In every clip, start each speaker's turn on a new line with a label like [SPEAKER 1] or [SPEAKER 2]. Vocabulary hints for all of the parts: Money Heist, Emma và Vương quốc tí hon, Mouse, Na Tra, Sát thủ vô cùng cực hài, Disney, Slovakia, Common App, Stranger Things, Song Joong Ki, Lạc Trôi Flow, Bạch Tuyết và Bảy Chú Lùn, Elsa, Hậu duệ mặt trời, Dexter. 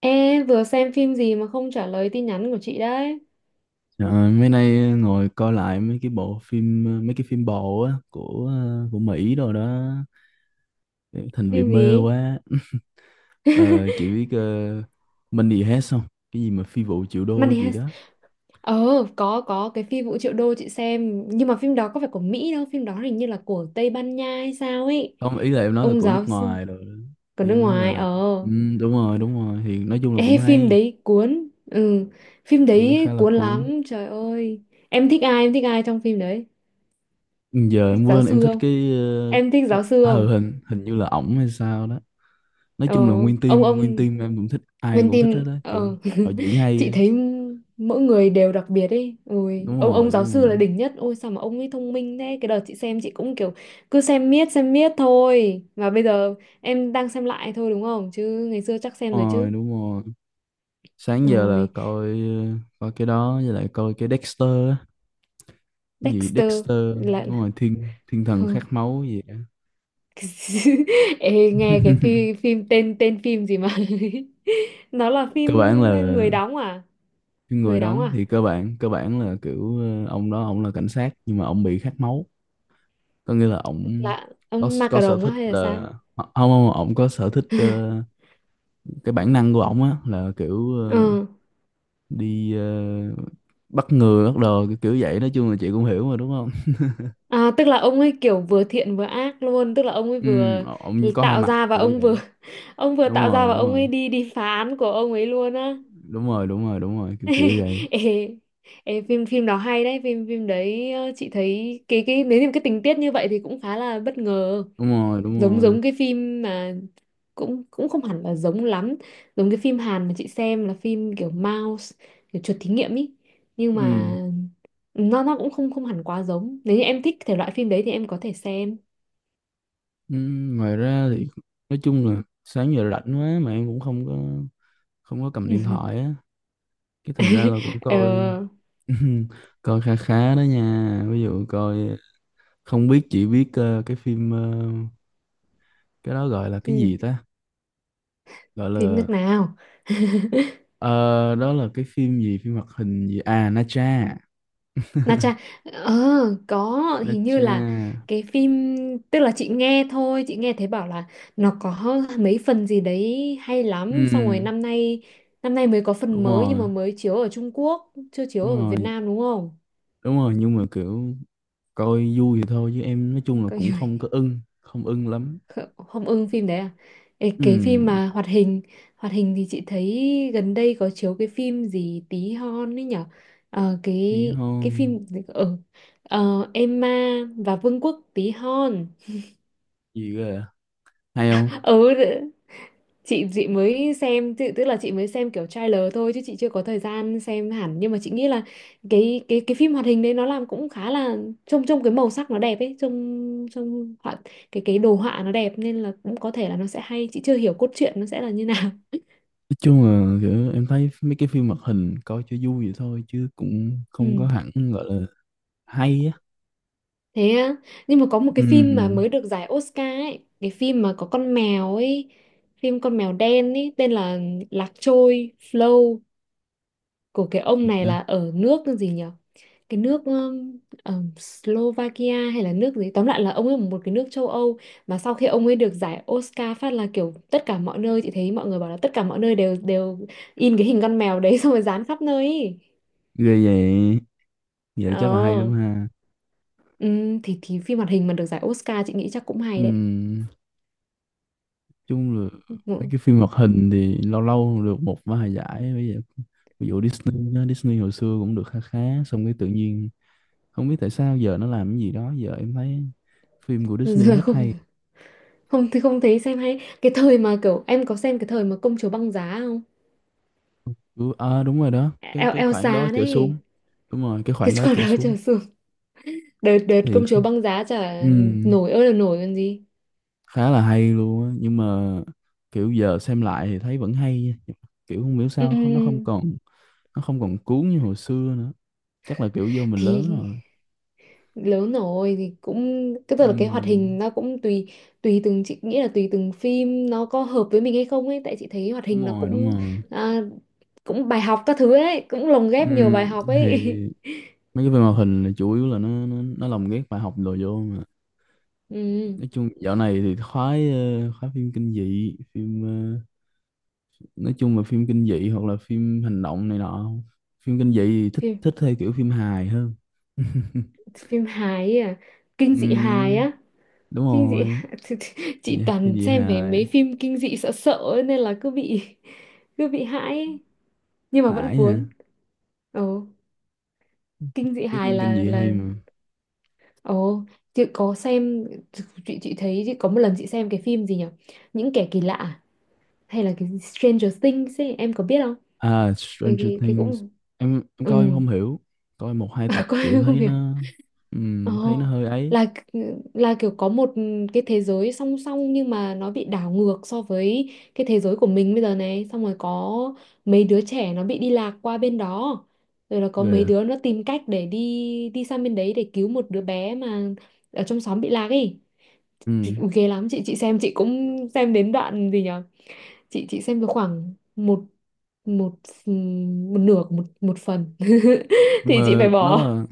[SPEAKER 1] Ê, vừa xem phim gì mà không trả lời tin nhắn của chị đấy?
[SPEAKER 2] Ờ, Mấy nay ngồi coi lại mấy cái bộ phim mấy cái phim bộ á của Mỹ rồi đó, thành bị
[SPEAKER 1] Phim
[SPEAKER 2] mê
[SPEAKER 1] gì?
[SPEAKER 2] quá. Ờ, chị biết Money Heist không, cái gì mà phi vụ triệu đô
[SPEAKER 1] Money
[SPEAKER 2] gì
[SPEAKER 1] Heist.
[SPEAKER 2] đó.
[SPEAKER 1] Ờ, có cái phim Vũ Triệu Đô chị xem, nhưng mà phim đó có phải của Mỹ đâu, phim đó hình như là của Tây Ban Nha hay sao ấy.
[SPEAKER 2] Không, ý là em nói là
[SPEAKER 1] Ông
[SPEAKER 2] của nước
[SPEAKER 1] giáo sư
[SPEAKER 2] ngoài rồi đó.
[SPEAKER 1] của nước
[SPEAKER 2] Em nói
[SPEAKER 1] ngoài.
[SPEAKER 2] là, ừ,
[SPEAKER 1] Ờ.
[SPEAKER 2] đúng rồi đúng rồi, thì nói chung là cũng
[SPEAKER 1] Ê, phim
[SPEAKER 2] hay.
[SPEAKER 1] đấy cuốn. Ừ, phim
[SPEAKER 2] Em thấy khá
[SPEAKER 1] đấy
[SPEAKER 2] là
[SPEAKER 1] cuốn
[SPEAKER 2] cuốn.
[SPEAKER 1] lắm, trời ơi. Em thích ai trong phim đấy?
[SPEAKER 2] Ừ, giờ em
[SPEAKER 1] Thích giáo
[SPEAKER 2] quên, em
[SPEAKER 1] sư
[SPEAKER 2] thích
[SPEAKER 1] không?
[SPEAKER 2] cái
[SPEAKER 1] Em thích
[SPEAKER 2] cái
[SPEAKER 1] giáo sư
[SPEAKER 2] hờ
[SPEAKER 1] không?
[SPEAKER 2] hình hình như là ổng hay sao đó. Nói
[SPEAKER 1] Ờ,
[SPEAKER 2] chung là nguyên team nguyên
[SPEAKER 1] ông
[SPEAKER 2] team em cũng thích, ai em
[SPEAKER 1] mình
[SPEAKER 2] cũng thích
[SPEAKER 1] tìm
[SPEAKER 2] hết đó kiểu họ diễn hay
[SPEAKER 1] chị
[SPEAKER 2] á.
[SPEAKER 1] thấy mỗi người đều đặc biệt ấy. Ôi,
[SPEAKER 2] Đúng
[SPEAKER 1] ông
[SPEAKER 2] rồi
[SPEAKER 1] ông giáo
[SPEAKER 2] đúng
[SPEAKER 1] sư
[SPEAKER 2] rồi.
[SPEAKER 1] là đỉnh nhất. Ôi sao mà ông ấy thông minh thế? Cái đợt chị xem chị cũng kiểu cứ xem miết thôi. Mà bây giờ em đang xem lại thôi đúng không? Chứ ngày xưa chắc xem rồi
[SPEAKER 2] Rồi,
[SPEAKER 1] chứ.
[SPEAKER 2] đúng rồi, sáng giờ là
[SPEAKER 1] Ôi,
[SPEAKER 2] coi coi cái đó với lại coi cái Dexter á. Cái gì
[SPEAKER 1] Dexter
[SPEAKER 2] Dexter,
[SPEAKER 1] lại
[SPEAKER 2] đúng
[SPEAKER 1] là
[SPEAKER 2] rồi, thiên thiên thần khát
[SPEAKER 1] không.
[SPEAKER 2] máu gì á.
[SPEAKER 1] Ê, nghe cái phim, phim tên tên phim gì mà nó là phim
[SPEAKER 2] Cơ bản là
[SPEAKER 1] người đóng à,
[SPEAKER 2] cái người
[SPEAKER 1] người đóng
[SPEAKER 2] đóng
[SPEAKER 1] à,
[SPEAKER 2] thì cơ bản là kiểu, ông đó ông là cảnh sát nhưng mà ông bị khát máu, có nghĩa là ông
[SPEAKER 1] là ông
[SPEAKER 2] có sở
[SPEAKER 1] Macaron á
[SPEAKER 2] thích
[SPEAKER 1] hay là
[SPEAKER 2] là,
[SPEAKER 1] sao?
[SPEAKER 2] không không ông có sở thích cái bản năng của ông á là kiểu,
[SPEAKER 1] Ờ.
[SPEAKER 2] đi bắt người bắt đồ kiểu kiểu vậy, nói chung là chị cũng hiểu mà đúng không.
[SPEAKER 1] À, tức là ông ấy kiểu vừa thiện vừa ác luôn, tức là ông ấy
[SPEAKER 2] Ừ,
[SPEAKER 1] vừa
[SPEAKER 2] ông có hai
[SPEAKER 1] tạo
[SPEAKER 2] mặt
[SPEAKER 1] ra và
[SPEAKER 2] kiểu
[SPEAKER 1] ông vừa
[SPEAKER 2] vậy.
[SPEAKER 1] ông vừa
[SPEAKER 2] Đúng
[SPEAKER 1] tạo ra
[SPEAKER 2] rồi
[SPEAKER 1] và
[SPEAKER 2] đúng
[SPEAKER 1] ông
[SPEAKER 2] rồi.
[SPEAKER 1] ấy đi đi phá án của ông ấy luôn á.
[SPEAKER 2] Đúng rồi đúng rồi đúng rồi kiểu kiểu vậy.
[SPEAKER 1] Ê, ê, phim phim đó hay đấy, phim phim đấy chị thấy cái nếu như cái tình tiết như vậy thì cũng khá là bất ngờ,
[SPEAKER 2] Đúng rồi đúng
[SPEAKER 1] giống
[SPEAKER 2] rồi.
[SPEAKER 1] giống cái phim mà cũng cũng không hẳn là giống lắm, giống cái phim Hàn mà chị xem là phim kiểu Mouse, kiểu chuột thí nghiệm ý, nhưng
[SPEAKER 2] Ừ.
[SPEAKER 1] mà nó cũng không không hẳn quá giống. Nếu như em thích thể loại phim đấy thì em có thể xem.
[SPEAKER 2] Ừ. Ngoài ra thì nói chung là sáng giờ rảnh quá mà em cũng không có cầm điện thoại á, cái thành ra là cũng coi.
[SPEAKER 1] ờ
[SPEAKER 2] Coi khá khá đó nha, ví dụ coi, không biết chỉ biết cái phim cái đó gọi là cái
[SPEAKER 1] Thế
[SPEAKER 2] gì ta, gọi
[SPEAKER 1] phim
[SPEAKER 2] là
[SPEAKER 1] nước nào?
[SPEAKER 2] ờ, đó là cái phim gì, phim hoạt hình gì à, Na Tra.
[SPEAKER 1] Na cha ờ, có,
[SPEAKER 2] Na
[SPEAKER 1] hình như
[SPEAKER 2] Tra,
[SPEAKER 1] là cái phim, tức là chị nghe thôi, chị nghe thấy bảo là nó có mấy phần gì đấy hay lắm, xong rồi
[SPEAKER 2] ừ,
[SPEAKER 1] năm nay, năm nay mới có phần
[SPEAKER 2] đúng
[SPEAKER 1] mới nhưng
[SPEAKER 2] rồi
[SPEAKER 1] mà mới chiếu ở Trung Quốc chưa chiếu
[SPEAKER 2] đúng
[SPEAKER 1] ở Việt
[SPEAKER 2] rồi
[SPEAKER 1] Nam đúng không?
[SPEAKER 2] đúng rồi, nhưng mà kiểu coi vui thì thôi chứ em nói chung là
[SPEAKER 1] Có
[SPEAKER 2] cũng
[SPEAKER 1] gì.
[SPEAKER 2] không ưng lắm.
[SPEAKER 1] Kh- Không ưng phim đấy à? Ê, cái phim
[SPEAKER 2] Ừ,
[SPEAKER 1] mà hoạt hình, hoạt hình thì chị thấy gần đây có chiếu cái phim gì tí hon ấy nhở. Ờ,
[SPEAKER 2] đi
[SPEAKER 1] cái
[SPEAKER 2] không?
[SPEAKER 1] phim ở, ờ, Emma và Vương quốc tí hon.
[SPEAKER 2] Gì cơ à? Hay không?
[SPEAKER 1] Ừ, chị mới xem tự- tức là chị mới xem kiểu trailer thôi chứ chị chưa có thời gian xem hẳn, nhưng mà chị nghĩ là cái phim hoạt hình đấy nó làm cũng khá là, trông trông cái màu sắc nó đẹp ấy, trông trông họa, cái đồ họa nó đẹp nên là cũng có thể là nó sẽ hay, chị chưa hiểu cốt truyện nó sẽ là như nào.
[SPEAKER 2] Nói chung là kiểu em thấy mấy cái phim hoạt hình coi cho vui vậy thôi chứ cũng không
[SPEAKER 1] Ừ,
[SPEAKER 2] có hẳn gọi là hay á.
[SPEAKER 1] thế á? Nhưng mà có một cái phim mà
[SPEAKER 2] Ừ,
[SPEAKER 1] mới được giải Oscar ấy, cái phim mà có con mèo ấy, phim con mèo đen ấy tên là Lạc Trôi Flow, của cái ông
[SPEAKER 2] gì
[SPEAKER 1] này
[SPEAKER 2] ta.
[SPEAKER 1] là ở nước gì nhỉ, cái nước Slovakia hay là nước gì, tóm lại là ông ấy ở một cái nước châu Âu mà sau khi ông ấy được giải Oscar phát là kiểu tất cả mọi nơi chị thấy mọi người bảo là tất cả mọi nơi đều đều in cái hình con mèo đấy xong rồi dán khắp nơi ý.
[SPEAKER 2] Ghê vậy, vậy là chắc là hay
[SPEAKER 1] Ờ,
[SPEAKER 2] lắm ha.
[SPEAKER 1] ừ, thì phim hoạt hình mà được giải Oscar chị nghĩ chắc cũng
[SPEAKER 2] Ừ,
[SPEAKER 1] hay đấy.
[SPEAKER 2] nói chung là mấy
[SPEAKER 1] Ừ.
[SPEAKER 2] cái phim hoạt hình thì lâu lâu được một vài giải, bây giờ ví dụ Disney đó, Disney hồi xưa cũng được khá khá, xong cái tự nhiên không biết tại sao giờ nó làm cái gì đó, giờ em thấy phim của Disney
[SPEAKER 1] Giờ
[SPEAKER 2] hết
[SPEAKER 1] không,
[SPEAKER 2] hay.
[SPEAKER 1] không thì không thấy xem hay, cái thời mà kiểu em có xem, cái thời mà công chúa băng giá không?
[SPEAKER 2] Ừ, à, đúng rồi đó,
[SPEAKER 1] E, El-
[SPEAKER 2] cái khoảng đó
[SPEAKER 1] Elsa
[SPEAKER 2] trở xuống.
[SPEAKER 1] đấy,
[SPEAKER 2] Đúng rồi, cái
[SPEAKER 1] cái
[SPEAKER 2] khoảng đó
[SPEAKER 1] con
[SPEAKER 2] trở
[SPEAKER 1] đó
[SPEAKER 2] xuống
[SPEAKER 1] trở xuống. Đợt đợt
[SPEAKER 2] thì,
[SPEAKER 1] công chúa băng giá chả
[SPEAKER 2] ừm,
[SPEAKER 1] nổi ơi là nổi còn gì.
[SPEAKER 2] khá là hay luôn á, nhưng mà kiểu giờ xem lại thì thấy vẫn hay nha. Kiểu không hiểu sao nó không
[SPEAKER 1] Ừm,
[SPEAKER 2] còn, nó không còn cuốn như hồi xưa nữa, chắc là kiểu do mình lớn
[SPEAKER 1] thì
[SPEAKER 2] rồi.
[SPEAKER 1] lớn rồi thì cũng, cái tức là cái hoạt
[SPEAKER 2] Ừm,
[SPEAKER 1] hình nó cũng tùy, tùy từng, chị nghĩ là tùy từng phim nó có hợp với mình hay không ấy, tại chị thấy hoạt
[SPEAKER 2] đúng
[SPEAKER 1] hình nó
[SPEAKER 2] rồi đúng
[SPEAKER 1] cũng,
[SPEAKER 2] rồi.
[SPEAKER 1] à, cũng bài học các thứ ấy, cũng lồng ghép nhiều bài
[SPEAKER 2] Ừm,
[SPEAKER 1] học
[SPEAKER 2] thì
[SPEAKER 1] ấy.
[SPEAKER 2] mấy cái phim hoạt hình là chủ yếu là nó lồng ghép bài học đồ vô mà.
[SPEAKER 1] Ừm,
[SPEAKER 2] Nói chung dạo này thì khoái, khoái phim kinh dị, phim, nói chung là phim kinh dị hoặc là phim hành động này nọ. Phim kinh dị thì thích
[SPEAKER 1] phim
[SPEAKER 2] thích theo kiểu phim hài hơn.
[SPEAKER 1] phim hài ấy à? Kinh dị hài
[SPEAKER 2] Ừm,
[SPEAKER 1] á?
[SPEAKER 2] đúng
[SPEAKER 1] Kinh dị,
[SPEAKER 2] rồi.
[SPEAKER 1] chị
[SPEAKER 2] Dạ, cái
[SPEAKER 1] toàn
[SPEAKER 2] gì
[SPEAKER 1] xem về
[SPEAKER 2] hài?
[SPEAKER 1] mấy phim kinh dị sợ sợ ấy, nên là cứ bị, cứ bị hãi ấy. Nhưng mà vẫn
[SPEAKER 2] Hải hả,
[SPEAKER 1] cuốn. Ồ, kinh dị
[SPEAKER 2] cái
[SPEAKER 1] hài
[SPEAKER 2] phim
[SPEAKER 1] là
[SPEAKER 2] kinh dị hay
[SPEAKER 1] là
[SPEAKER 2] mà.
[SPEAKER 1] ồ, chị có xem, chị thấy chị có một lần chị xem cái phim gì nhỉ, những kẻ kỳ lạ à? Hay là cái Stranger Things ấy, em có biết không?
[SPEAKER 2] À
[SPEAKER 1] cái
[SPEAKER 2] Stranger
[SPEAKER 1] cái, cái
[SPEAKER 2] Things,
[SPEAKER 1] cũng,
[SPEAKER 2] em
[SPEAKER 1] ừ,
[SPEAKER 2] coi em không hiểu, coi một hai tập kiểu
[SPEAKER 1] coi không
[SPEAKER 2] thấy
[SPEAKER 1] hiểu.
[SPEAKER 2] nó, thấy nó
[SPEAKER 1] Ồ,
[SPEAKER 2] hơi ấy.
[SPEAKER 1] là là kiểu có một cái thế giới song song nhưng mà nó bị đảo ngược so với cái thế giới của mình bây giờ này, xong rồi có mấy đứa trẻ nó bị đi lạc qua bên đó. Rồi là có
[SPEAKER 2] Rồi
[SPEAKER 1] mấy
[SPEAKER 2] à.
[SPEAKER 1] đứa nó tìm cách để đi đi sang bên đấy để cứu một đứa bé mà ở trong xóm bị lạc ấy. Chị-
[SPEAKER 2] Ừm,
[SPEAKER 1] Ui, ghê lắm, chị xem chị cũng xem đến đoạn gì nhở. Chị xem được khoảng một, một, một nửa của một một phần
[SPEAKER 2] nhưng
[SPEAKER 1] thì chị
[SPEAKER 2] mà
[SPEAKER 1] phải
[SPEAKER 2] nó
[SPEAKER 1] bỏ.
[SPEAKER 2] là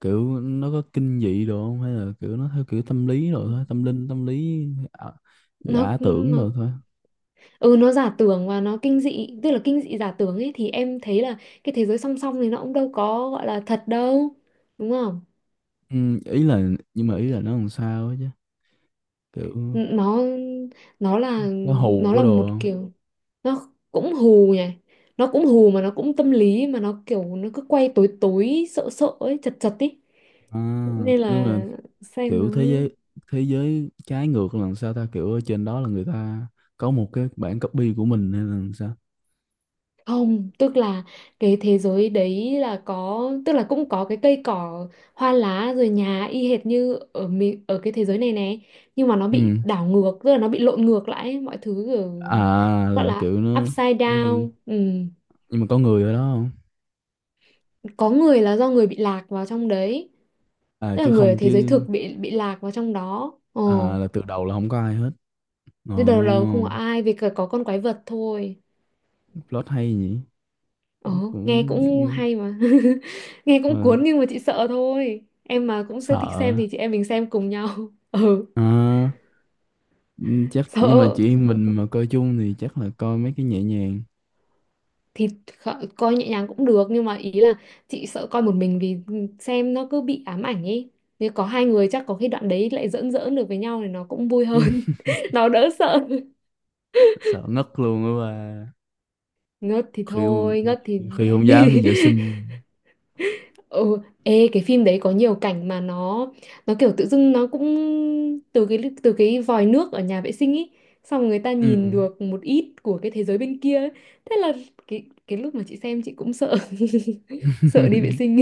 [SPEAKER 2] kiểu nó có kinh dị đồ không, hay là kiểu nó theo kiểu tâm lý rồi thôi, tâm linh tâm lý, à,
[SPEAKER 1] nó
[SPEAKER 2] giả tưởng
[SPEAKER 1] nó
[SPEAKER 2] rồi thôi.
[SPEAKER 1] ừ, nó giả tưởng và nó kinh dị, tức là kinh dị giả tưởng ấy, thì em thấy là cái thế giới song song này nó cũng đâu có gọi là thật đâu đúng không?
[SPEAKER 2] Ừ, ý là, nhưng mà ý là nó làm sao ấy chứ, kiểu
[SPEAKER 1] N- nó là,
[SPEAKER 2] có hù
[SPEAKER 1] nó
[SPEAKER 2] có
[SPEAKER 1] là
[SPEAKER 2] đồ
[SPEAKER 1] một
[SPEAKER 2] không.
[SPEAKER 1] kiểu, nó cũng hù nhỉ, nó cũng hù mà nó cũng tâm lý, mà nó kiểu nó cứ quay tối tối sợ sợ ấy, chật chật ấy,
[SPEAKER 2] À,
[SPEAKER 1] nên
[SPEAKER 2] nhưng mà
[SPEAKER 1] là xem nó.
[SPEAKER 2] kiểu thế giới, thế giới trái ngược là làm sao ta, kiểu ở trên đó là người ta có một cái bản copy của mình hay là làm sao.
[SPEAKER 1] Không, tức là cái thế giới đấy là có, tức là cũng có cái cây cỏ, hoa lá rồi nhà y hệt như ở mi- ở cái thế giới này nè, nhưng mà nó bị
[SPEAKER 2] Ừ.
[SPEAKER 1] đảo ngược, tức là nó bị lộn ngược lại, ấy, mọi thứ kiểu
[SPEAKER 2] À,
[SPEAKER 1] gọi
[SPEAKER 2] là
[SPEAKER 1] là
[SPEAKER 2] kiểu nó
[SPEAKER 1] upside
[SPEAKER 2] giống như,
[SPEAKER 1] down. Ừ.
[SPEAKER 2] nhưng mà có người ở đó không.
[SPEAKER 1] Có người là do người bị lạc vào trong đấy,
[SPEAKER 2] À
[SPEAKER 1] tức là
[SPEAKER 2] chứ
[SPEAKER 1] người ở
[SPEAKER 2] không
[SPEAKER 1] thế giới
[SPEAKER 2] chứ.
[SPEAKER 1] thực bị lạc vào trong đó. Ồ,
[SPEAKER 2] À, là từ đầu là không có ai hết. Ồ,
[SPEAKER 1] thế đầu là không có ai, vì cả có con quái vật thôi.
[SPEAKER 2] plot hay nhỉ, nó
[SPEAKER 1] Ồ, nghe
[SPEAKER 2] cũng
[SPEAKER 1] cũng
[SPEAKER 2] như.
[SPEAKER 1] hay mà. Nghe cũng
[SPEAKER 2] Mà
[SPEAKER 1] cuốn nhưng mà chị sợ thôi. Em mà cũng sẽ thích
[SPEAKER 2] sợ.
[SPEAKER 1] xem thì chị em mình xem cùng nhau. Ừ,
[SPEAKER 2] Ờ, ừ, chắc nhưng mà
[SPEAKER 1] sợ.
[SPEAKER 2] chị em mình mà coi chung thì chắc là coi mấy cái nhẹ nhàng.
[SPEAKER 1] Thì kh- coi nhẹ nhàng cũng được. Nhưng mà ý là chị sợ coi một mình, vì xem nó cứ bị ám ảnh ấy. Nếu có hai người chắc có khi đoạn đấy lại giỡn giỡn được với nhau thì nó cũng vui hơn. Nó đỡ sợ.
[SPEAKER 2] Sợ ngất luôn á bà.
[SPEAKER 1] Ngất thì
[SPEAKER 2] Khi,
[SPEAKER 1] thôi, ngất thì
[SPEAKER 2] khi không dám đi vệ sinh.
[SPEAKER 1] ừ, ê cái phim đấy có nhiều cảnh mà nó kiểu tự dưng nó cũng từ cái, từ cái vòi nước ở nhà vệ sinh ý, xong rồi người ta
[SPEAKER 2] Ừ.
[SPEAKER 1] nhìn được một ít của cái thế giới bên kia ấy. Thế là cái lúc mà chị xem chị cũng sợ, sợ đi vệ sinh.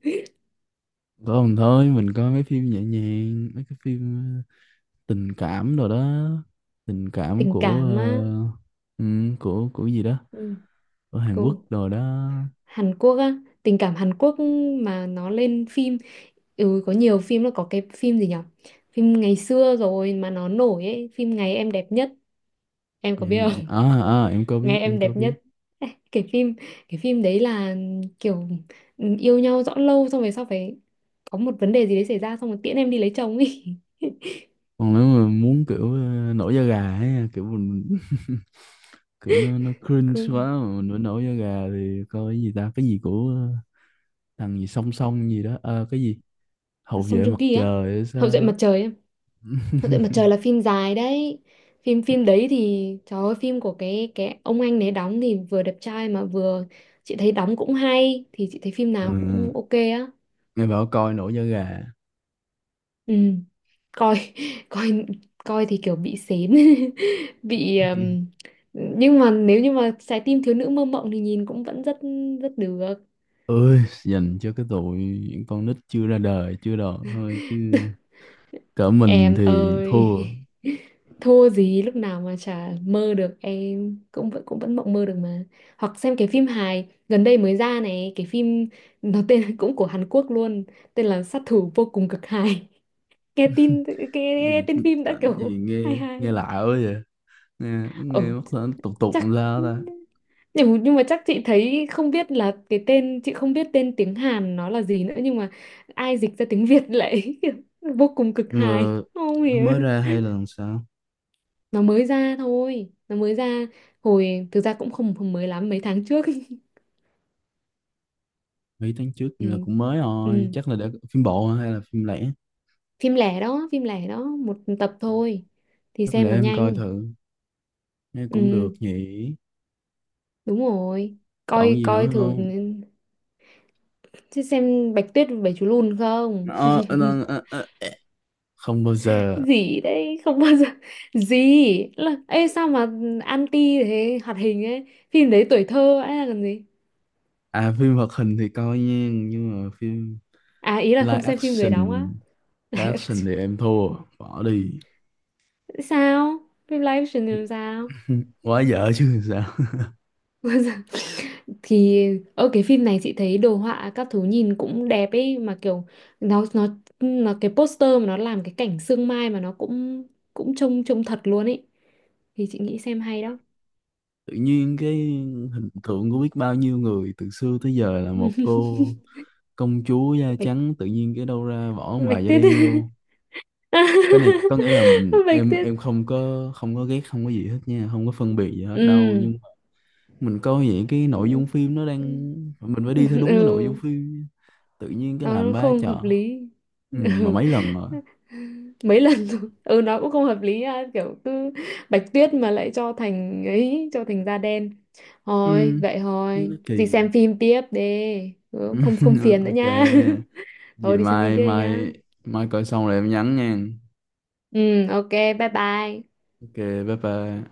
[SPEAKER 2] Còn thôi mình coi mấy phim nhẹ nhàng, mấy cái phim tình cảm rồi đó, tình cảm
[SPEAKER 1] Tình
[SPEAKER 2] của,
[SPEAKER 1] cảm á?
[SPEAKER 2] ờ, ừ, của gì đó
[SPEAKER 1] Ừ,
[SPEAKER 2] ở Hàn Quốc
[SPEAKER 1] cô,
[SPEAKER 2] rồi đó.
[SPEAKER 1] Hàn Quốc á, tình cảm Hàn Quốc mà nó lên phim. Ừ, có nhiều phim, là có cái phim gì nhở, phim ngày xưa rồi mà nó nổi ấy, phim Ngày em đẹp nhất, em có
[SPEAKER 2] Dạ, em
[SPEAKER 1] biết?
[SPEAKER 2] định à, à em có
[SPEAKER 1] Nghe
[SPEAKER 2] biết, em
[SPEAKER 1] em
[SPEAKER 2] có
[SPEAKER 1] đẹp
[SPEAKER 2] biết.
[SPEAKER 1] nhất. Ê, cái phim, cái phim đấy là kiểu, ừ, yêu nhau rõ lâu xong về sau phải có một vấn đề gì đấy xảy ra xong rồi tiễn em đi lấy chồng ấy.
[SPEAKER 2] Còn nếu mà muốn kiểu nổi da gà ấy kiểu mình kiểu nó
[SPEAKER 1] Cứ...
[SPEAKER 2] cringe quá mà mình vẫn nổi da gà thì coi cái gì ta, cái gì của ờ, thằng gì song song gì đó. Ờ, cái gì hậu
[SPEAKER 1] Song
[SPEAKER 2] vệ
[SPEAKER 1] Joong
[SPEAKER 2] mặt
[SPEAKER 1] Ki á.
[SPEAKER 2] trời hay
[SPEAKER 1] Hậu duệ
[SPEAKER 2] sao á.
[SPEAKER 1] mặt trời em. Hậu duệ mặt trời là phim dài đấy, phim phim đấy thì trời ơi, phim của cái ông anh đấy đóng thì vừa đẹp trai mà vừa, chị thấy đóng cũng hay, thì chị thấy phim nào
[SPEAKER 2] Ừ.
[SPEAKER 1] cũng ok á.
[SPEAKER 2] Nghe bảo coi nổi da gà.
[SPEAKER 1] Ừ, coi coi, coi thì kiểu bị sến, bị nhưng mà nếu như mà trái tim thiếu nữ mơ mộng thì nhìn cũng vẫn rất rất được.
[SPEAKER 2] Ừ. Ơi, dành cho cái tụi những con nít chưa ra đời chưa đòn thôi chứ cỡ mình
[SPEAKER 1] Em
[SPEAKER 2] thì
[SPEAKER 1] ơi,
[SPEAKER 2] thua.
[SPEAKER 1] thua gì, lúc nào mà chả mơ được, em cũng vẫn mộng mơ được mà. Hoặc xem cái phim hài gần đây mới ra này, cái phim nó tên cũng của Hàn Quốc luôn, tên là Sát thủ vô cùng cực hài. Nghe tin
[SPEAKER 2] Gì,
[SPEAKER 1] tên phim đã
[SPEAKER 2] tỉnh
[SPEAKER 1] kiểu
[SPEAKER 2] gì,
[SPEAKER 1] hay
[SPEAKER 2] nghe nghe
[SPEAKER 1] hay.
[SPEAKER 2] lạ quá vậy, nghe nghe
[SPEAKER 1] Ừ,
[SPEAKER 2] mất là tục tục
[SPEAKER 1] chắc,
[SPEAKER 2] làm sao ta.
[SPEAKER 1] nhưng mà chắc chị thấy, không biết là cái tên, chị không biết tên tiếng Hàn nó là gì nữa, nhưng mà ai dịch ra tiếng Việt lại vô cùng cực
[SPEAKER 2] Nhưng
[SPEAKER 1] hài
[SPEAKER 2] mà
[SPEAKER 1] không
[SPEAKER 2] nó
[SPEAKER 1] hiểu.
[SPEAKER 2] mới ra hay là làm sao.
[SPEAKER 1] Nó mới ra thôi, nó mới ra, hồi thực ra cũng không mới lắm, mấy tháng trước.
[SPEAKER 2] Mấy tháng trước
[SPEAKER 1] Ừ.
[SPEAKER 2] nhưng mà cũng mới rồi,
[SPEAKER 1] Ừ.
[SPEAKER 2] chắc là đã phim bộ hả? Hay là phim lẻ.
[SPEAKER 1] Phim lẻ đó, phim lẻ đó, một tập thôi thì
[SPEAKER 2] Chắc để
[SPEAKER 1] xem nó
[SPEAKER 2] em coi
[SPEAKER 1] nhanh.
[SPEAKER 2] thử, nghe cũng
[SPEAKER 1] Ừ,
[SPEAKER 2] được nhỉ.
[SPEAKER 1] đúng rồi,
[SPEAKER 2] Còn
[SPEAKER 1] coi,
[SPEAKER 2] gì
[SPEAKER 1] coi
[SPEAKER 2] nữa
[SPEAKER 1] thử.
[SPEAKER 2] không?
[SPEAKER 1] Chứ xem Bạch Tuyết và Bảy Chú Lùn không?
[SPEAKER 2] Ờ, ờ, ờ, ờ, ờ, ờ. Không bao giờ.
[SPEAKER 1] Gì đấy không bao giờ. Gì là, ê sao mà anti thế, hoạt hình ấy, phim đấy tuổi thơ ấy là cần gì.
[SPEAKER 2] À phim hoạt hình thì coi nha, nhưng mà phim
[SPEAKER 1] À, ý là
[SPEAKER 2] live
[SPEAKER 1] không xem phim người
[SPEAKER 2] action,
[SPEAKER 1] đóng á.
[SPEAKER 2] live action thì em thua, bỏ đi.
[SPEAKER 1] Sao phim live action thì làm sao?
[SPEAKER 2] Quá dở chứ sao.
[SPEAKER 1] Thì ở cái phim này chị thấy đồ họa các thứ nhìn cũng đẹp ấy, mà kiểu nó nó nó cái poster mà nó làm cái cảnh sương mai mà nó cũng, cũng trông trông thật luôn ấy, thì chị nghĩ xem hay đó.
[SPEAKER 2] Tự nhiên cái hình tượng của biết bao nhiêu người từ xưa tới giờ là một cô công chúa da
[SPEAKER 1] bạch
[SPEAKER 2] trắng, tự nhiên cái đâu ra bỏ ông
[SPEAKER 1] bạch
[SPEAKER 2] bà da
[SPEAKER 1] tuyết.
[SPEAKER 2] đen vô. Cái này có nghĩa là mình,
[SPEAKER 1] Bạch
[SPEAKER 2] em
[SPEAKER 1] tuyết.
[SPEAKER 2] em không có, không có ghét, không có gì hết nha, không có phân biệt gì hết đâu,
[SPEAKER 1] Ừ.
[SPEAKER 2] nhưng mình coi vậy cái nội
[SPEAKER 1] Ừ.
[SPEAKER 2] dung phim nó đang, mình phải đi theo đúng cái nội dung
[SPEAKER 1] Ừ.
[SPEAKER 2] phim nha. Tự nhiên cái làm
[SPEAKER 1] Nó
[SPEAKER 2] ba
[SPEAKER 1] không
[SPEAKER 2] chợ.
[SPEAKER 1] hợp lý.
[SPEAKER 2] Ừ, mà
[SPEAKER 1] Ừ.
[SPEAKER 2] mấy lần rồi.
[SPEAKER 1] Mấy lần rồi. Ừ, nó cũng không hợp lý á. Kiểu cứ Bạch Tuyết mà lại cho thành ấy, cho thành da đen.
[SPEAKER 2] Ừ,
[SPEAKER 1] Thôi vậy
[SPEAKER 2] như nó
[SPEAKER 1] thôi, đi
[SPEAKER 2] kỳ.
[SPEAKER 1] xem phim tiếp đi. Ừ, không không phiền nữa
[SPEAKER 2] Ok.
[SPEAKER 1] nha.
[SPEAKER 2] Vậy
[SPEAKER 1] Thôi đi xem phim
[SPEAKER 2] mai
[SPEAKER 1] tiếp đi nha.
[SPEAKER 2] mai, mai coi xong rồi em nhắn nha.
[SPEAKER 1] Ừ, ok, bye bye.
[SPEAKER 2] Ok, bye bye.